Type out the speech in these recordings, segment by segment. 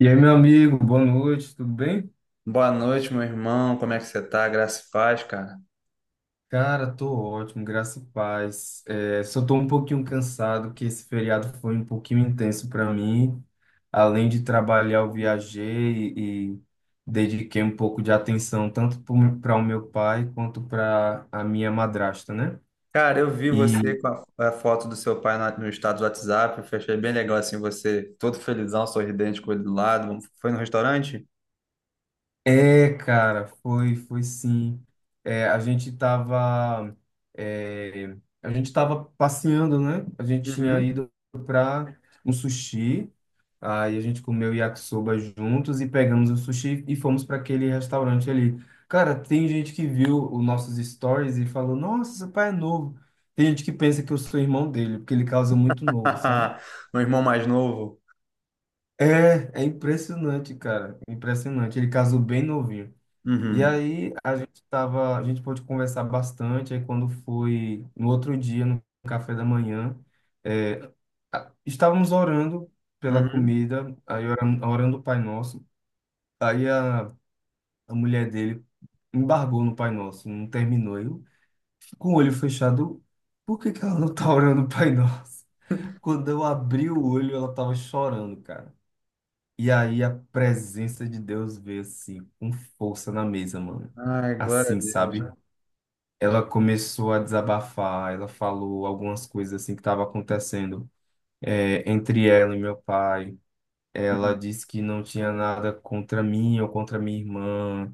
E aí, meu amigo, boa noite, tudo bem? Boa noite, meu irmão. Como é que você tá? Graça e paz, cara. Cara, tô ótimo, graças a paz. Só tô um pouquinho cansado, que esse feriado foi um pouquinho intenso para mim. Além de Hum. trabalhar, eu viajei e dediquei um pouco de atenção tanto para o meu pai quanto para a minha madrasta, né? Cara, eu vi E você com a foto do seu pai no estado do WhatsApp. Eu achei bem legal assim, você todo felizão, sorridente com ele do lado. Foi no restaurante? Cara, foi sim. É, a gente tava, é, a gente tava passeando, né? A gente tinha Uhum. ido para um sushi, aí a gente comeu yakisoba juntos e pegamos o sushi e fomos para aquele restaurante ali. Cara, tem gente que viu os nossos stories e falou, nossa, seu pai é novo. Tem gente que pensa que eu sou irmão dele, porque ele casa muito novo, sabe? Meu irmão mais novo. É impressionante, cara, impressionante. Ele casou bem novinho. E Uhum. aí a gente tava, a gente pôde conversar bastante. Aí quando foi no outro dia, no café da manhã, é, estávamos orando pela Uhum. comida, aí orando, orando o Pai Nosso. Aí a mulher dele embargou no Pai Nosso, não terminou. Eu, com o olho fechado, por que que ela não tá orando o Pai Nosso? Quando eu abri o olho, ela tava chorando, cara. E aí a presença de Deus veio assim, com força na mesa, mano. Ai, glória a Assim, sabe? Deus. Ela começou a desabafar, ela falou algumas coisas assim que estavam acontecendo, entre ela e meu pai. Ela Uhum. disse que não tinha nada contra mim ou contra minha irmã,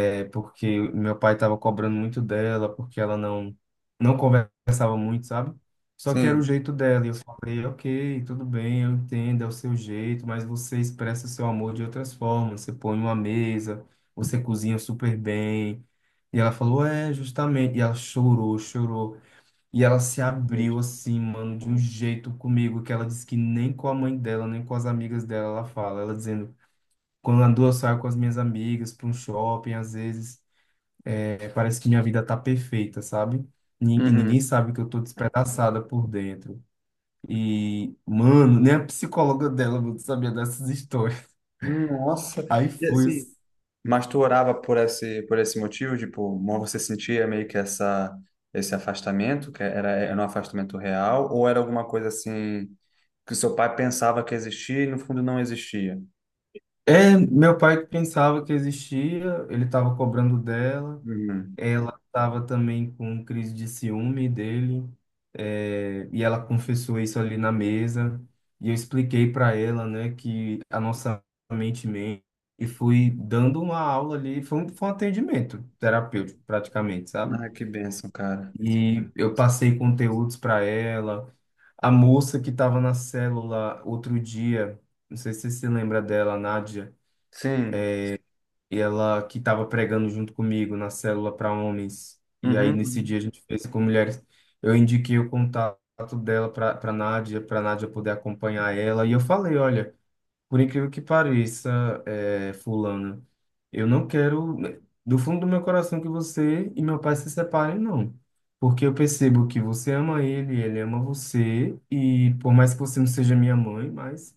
é porque meu pai estava cobrando muito dela, porque ela não conversava muito, sabe? Só que era o Sim. jeito dela. E eu falei, ok, tudo bem, eu entendo, é o seu jeito, mas você expressa seu amor de outras formas. Você põe uma mesa, você cozinha super bem. E ela falou, é, justamente. E ela chorou, chorou. E ela se abriu Deus. assim, mano, de um jeito comigo, que ela disse que nem com a mãe dela, nem com as amigas dela ela fala. Ela dizendo, quando andou, eu saio com as minhas amigas para um shopping, às vezes. Parece que minha vida tá perfeita, sabe? E ninguém Uhum. sabe que eu tô despedaçada por dentro. E, mano, nem a psicóloga dela mano, sabia dessas histórias. Nossa. Aí E fui. assim, mas tu orava por esse, motivo, tipo, você sentia meio que esse afastamento, que era um afastamento real, ou era alguma coisa assim que o seu pai pensava que existia e no fundo não existia? É, meu pai que pensava que existia, ele tava cobrando dela. Uhum. Ela estava também com crise de ciúme dele, e ela confessou isso ali na mesa. E eu expliquei para ela, né, que a nossa mente mente. E fui dando uma aula ali, foi um atendimento terapêutico, praticamente, sabe? Ah, que bênção, cara. E eu passei conteúdos para ela. A moça que estava na célula outro dia, não sei se você se lembra dela, a Nádia Sim. e ela que estava pregando junto comigo na célula para homens. E aí Uhum, nesse uhum. dia a gente fez com mulheres. Eu indiquei o contato dela para Nádia, para Nádia poder acompanhar ela. E eu falei, olha, por incrível que pareça, fulana, eu não quero do fundo do meu coração que você e meu pai se separem, não. Porque eu percebo que você ama ele, ele ama você, e por mais que você não seja minha mãe, mas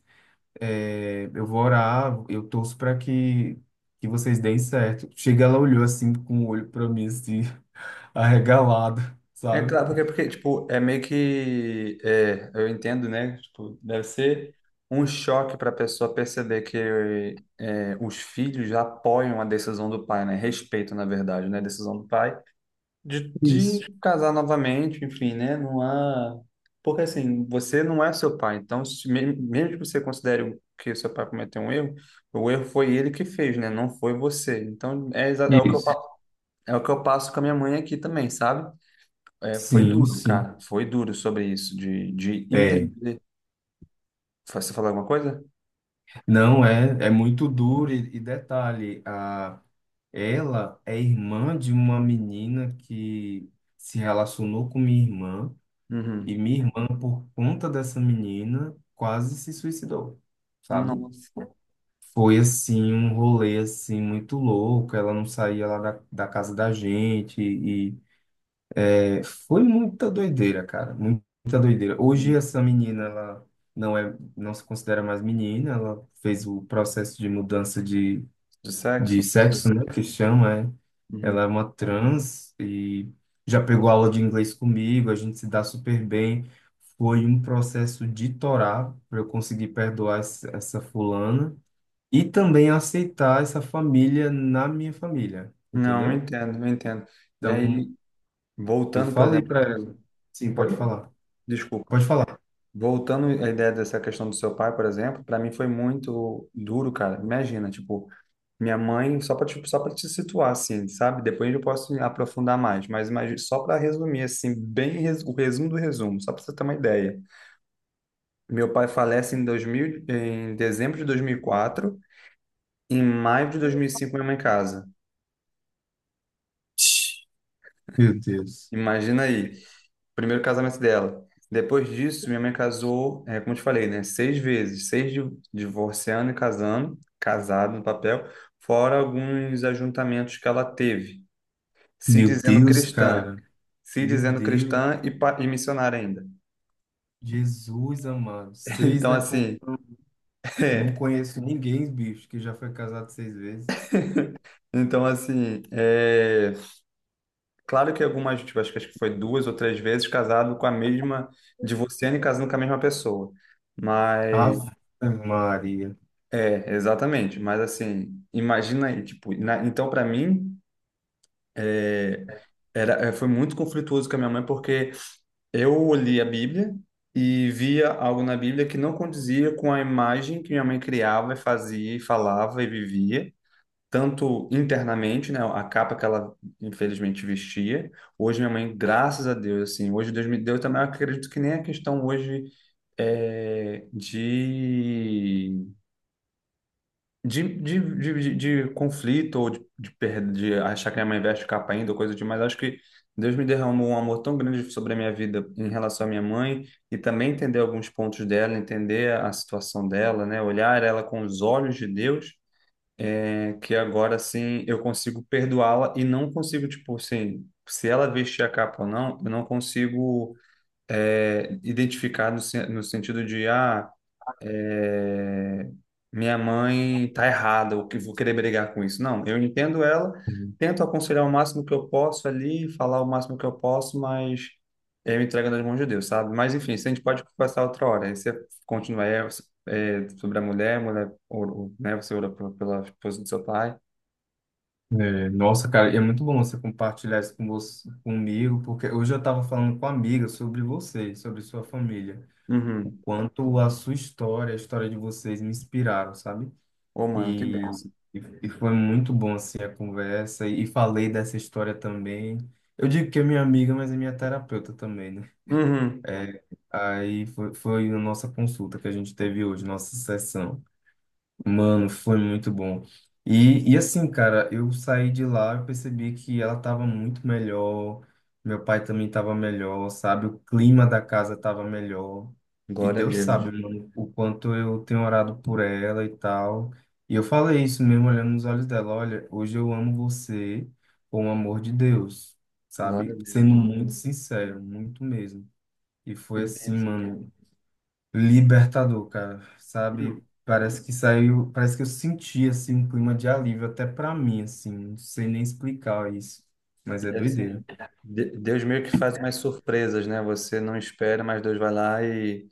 eu vou orar, eu torço que vocês deem certo. Chega, ela olhou assim com o olho para mim, assim, arregalado, É sabe? claro, porque, tipo, é meio que, eu entendo, né? Tipo, deve ser um choque para a pessoa perceber que os filhos apoiam a decisão do pai, né? Respeitam, na verdade, né? A decisão do pai de Isso. casar novamente, enfim, né? Não há. Porque assim, você não é seu pai, então, se, me- mesmo que você considere que seu pai cometeu um erro, o erro foi ele que fez, né? Não foi você. Então, é o que eu, Isso. fa- é o que eu passo com a minha mãe aqui também, sabe? Foi Sim, duro, sim. cara, foi duro sobre isso, de É, entender. Você falou alguma coisa? não é, é muito duro e detalhe, ela é irmã de uma menina que se relacionou com minha irmã Uhum. e minha irmã, por conta dessa menina, quase se suicidou, sabe? Nossa. Foi assim, um rolê assim muito louco. Ela não saía lá da casa da gente e foi muita doideira, cara, muita doideira. Hoje Hum. essa menina ela não é, não se considera mais menina. Ela fez o processo de mudança De de sexo? sexo, né, que chama, é. Uhum. Ela é uma trans e já pegou aula de inglês comigo. A gente se dá super bem. Foi um processo de torar para eu conseguir perdoar essa fulana e também aceitar essa família na minha família, Não, eu entendeu? entendo, eu entendo. E aí, Então, eu voltando, por falei exemplo. para ela. Sim, pode Oi? falar. Desculpa. Pode falar. Voltando à ideia dessa questão do seu pai, por exemplo, para mim foi muito duro, cara. Imagina, tipo, minha mãe, só para tipo, só para te situar assim, sabe? Depois eu posso aprofundar mais, mas imagina, só para resumir assim, o resumo do resumo, só para você ter uma ideia. Meu pai falece em 2000, em dezembro de 2004, em maio de 2005 minha mãe casa. Meu Deus. Imagina aí. Primeiro casamento dela. Depois disso, minha mãe casou, como eu te falei, né? Seis vezes, divorciando e casando, casado no papel, fora alguns ajuntamentos que ela teve, se Meu dizendo Deus, cristã, cara. se Meu dizendo Deus. cristã e missionária ainda. Jesus amado. Seis, Então, né, pô? assim, Não conheço ninguém, bicho, que já foi casado seis vezes. então, assim, claro que algumas, tipo, acho que foi duas ou três vezes casado com a mesma, divorciando e casando com a mesma pessoa. Mas Ave Maria. é, exatamente. Mas assim, imagina aí, tipo, então para mim é, foi muito conflituoso com a minha mãe porque eu li a Bíblia e via algo na Bíblia que não condizia com a imagem que minha mãe criava, e fazia, e falava e vivia, tanto internamente, né, a capa que ela infelizmente vestia. Hoje minha mãe, graças a Deus, assim, hoje Deus me deu também, eu acredito que nem a questão hoje é, de de conflito ou de, perda, de achar que minha mãe veste capa ainda, ou coisa demais, acho que Deus me derramou um amor tão grande sobre a minha vida em relação à minha mãe e também entender alguns pontos dela, entender a situação dela, né? Olhar ela com os olhos de Deus, que agora sim eu consigo perdoá-la e não consigo, tipo assim, se ela vestir a capa ou não, eu não consigo identificar no sentido de, ah. É, Minha mãe tá errada, ou que vou querer brigar com isso. Não, eu entendo ela, tento aconselhar o máximo que eu posso ali, falar o máximo que eu posso, mas eu entrego nas mãos de Deus, sabe? Mas enfim, isso a gente pode conversar outra hora. Aí você continua sobre a mulher, ou, né? Você ora pela esposa do seu pai. Nossa, cara, e é muito bom você compartilhar isso com você, comigo, porque hoje eu estava falando com uma amiga sobre você, sobre sua família. O Uhum. quanto a sua história, a história de vocês me inspiraram, sabe? Ô, mano, que E, bênção. e foi muito bom, assim, a conversa. E falei dessa história também. Eu digo que é minha amiga, mas é minha terapeuta também, né? Uhum. É, aí foi a nossa consulta que a gente teve hoje, nossa sessão. Mano, foi muito bom. E assim, cara, eu saí de lá e percebi que ela tava muito melhor, meu pai também tava melhor, sabe? O clima da casa tava melhor. E Glória a Deus sabe, Deus. mano, o quanto eu tenho orado por ela e tal. E eu falei isso mesmo olhando nos olhos dela, olha, hoje eu amo você com o amor de Deus, Glória a sabe? Sendo Deus. muito sincero, muito mesmo. E Que foi assim, bênção, cara. mano, libertador, cara, Não, sabe? Parece que saiu, parece que eu senti assim um clima de alívio até pra mim, assim, não sei nem explicar isso, mas é assim, doideira. Deus meio que faz mais surpresas, né? Você não espera, mas Deus vai lá e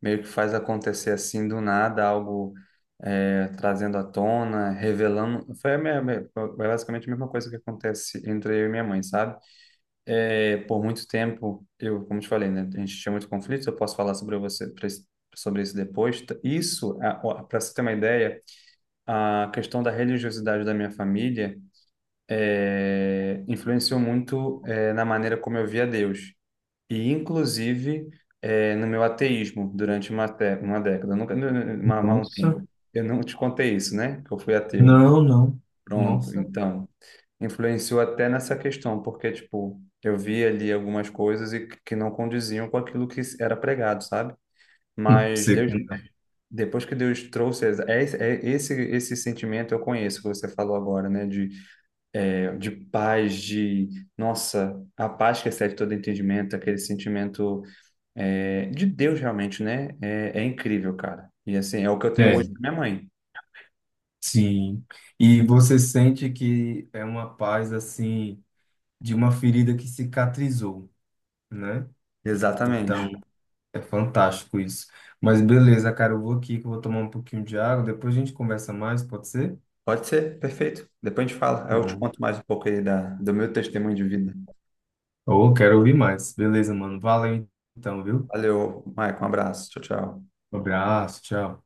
meio que faz acontecer assim do nada, algo trazendo à tona, revelando. Foi basicamente a mesma coisa que acontece entre eu e minha mãe, sabe? Por muito tempo, eu, como te falei, né? A gente tinha muito conflito, eu posso falar sobre você, sobre isso depois. Isso, para você ter uma ideia, a questão da religiosidade da minha família influenciou muito na maneira como eu via Deus e inclusive no meu ateísmo durante uma década. Eu nunca, nu- uma- um Nossa. tempo. Eu não te contei isso, né? Que eu fui ateu. Não, não. Pronto, Nossa. então influenciou até nessa questão, porque tipo eu vi ali algumas coisas e que não condiziam com aquilo que era pregado, sabe? Mas Você- Deus, depois que Deus trouxe esse sentimento eu conheço que você falou agora, né? De de paz, de, nossa, a paz que excede todo entendimento, aquele sentimento de Deus realmente, né? É incrível, cara. E assim, é o que eu tenho É, hoje com minha mãe. sim. E você sente que é uma paz assim de uma ferida que cicatrizou, né? Exatamente. Então, é fantástico isso. Mas beleza, cara, eu vou aqui que eu vou tomar um pouquinho de água, depois a gente conversa mais, pode ser? Pode ser, perfeito. Depois a gente fala. Aí eu te Pronto. conto mais um pouco aí do meu testemunho de vida. Ou quero ouvir mais. Beleza, mano. Valeu então, viu? Valeu, Maicon. Um abraço. Tchau, tchau. Um abraço, tchau.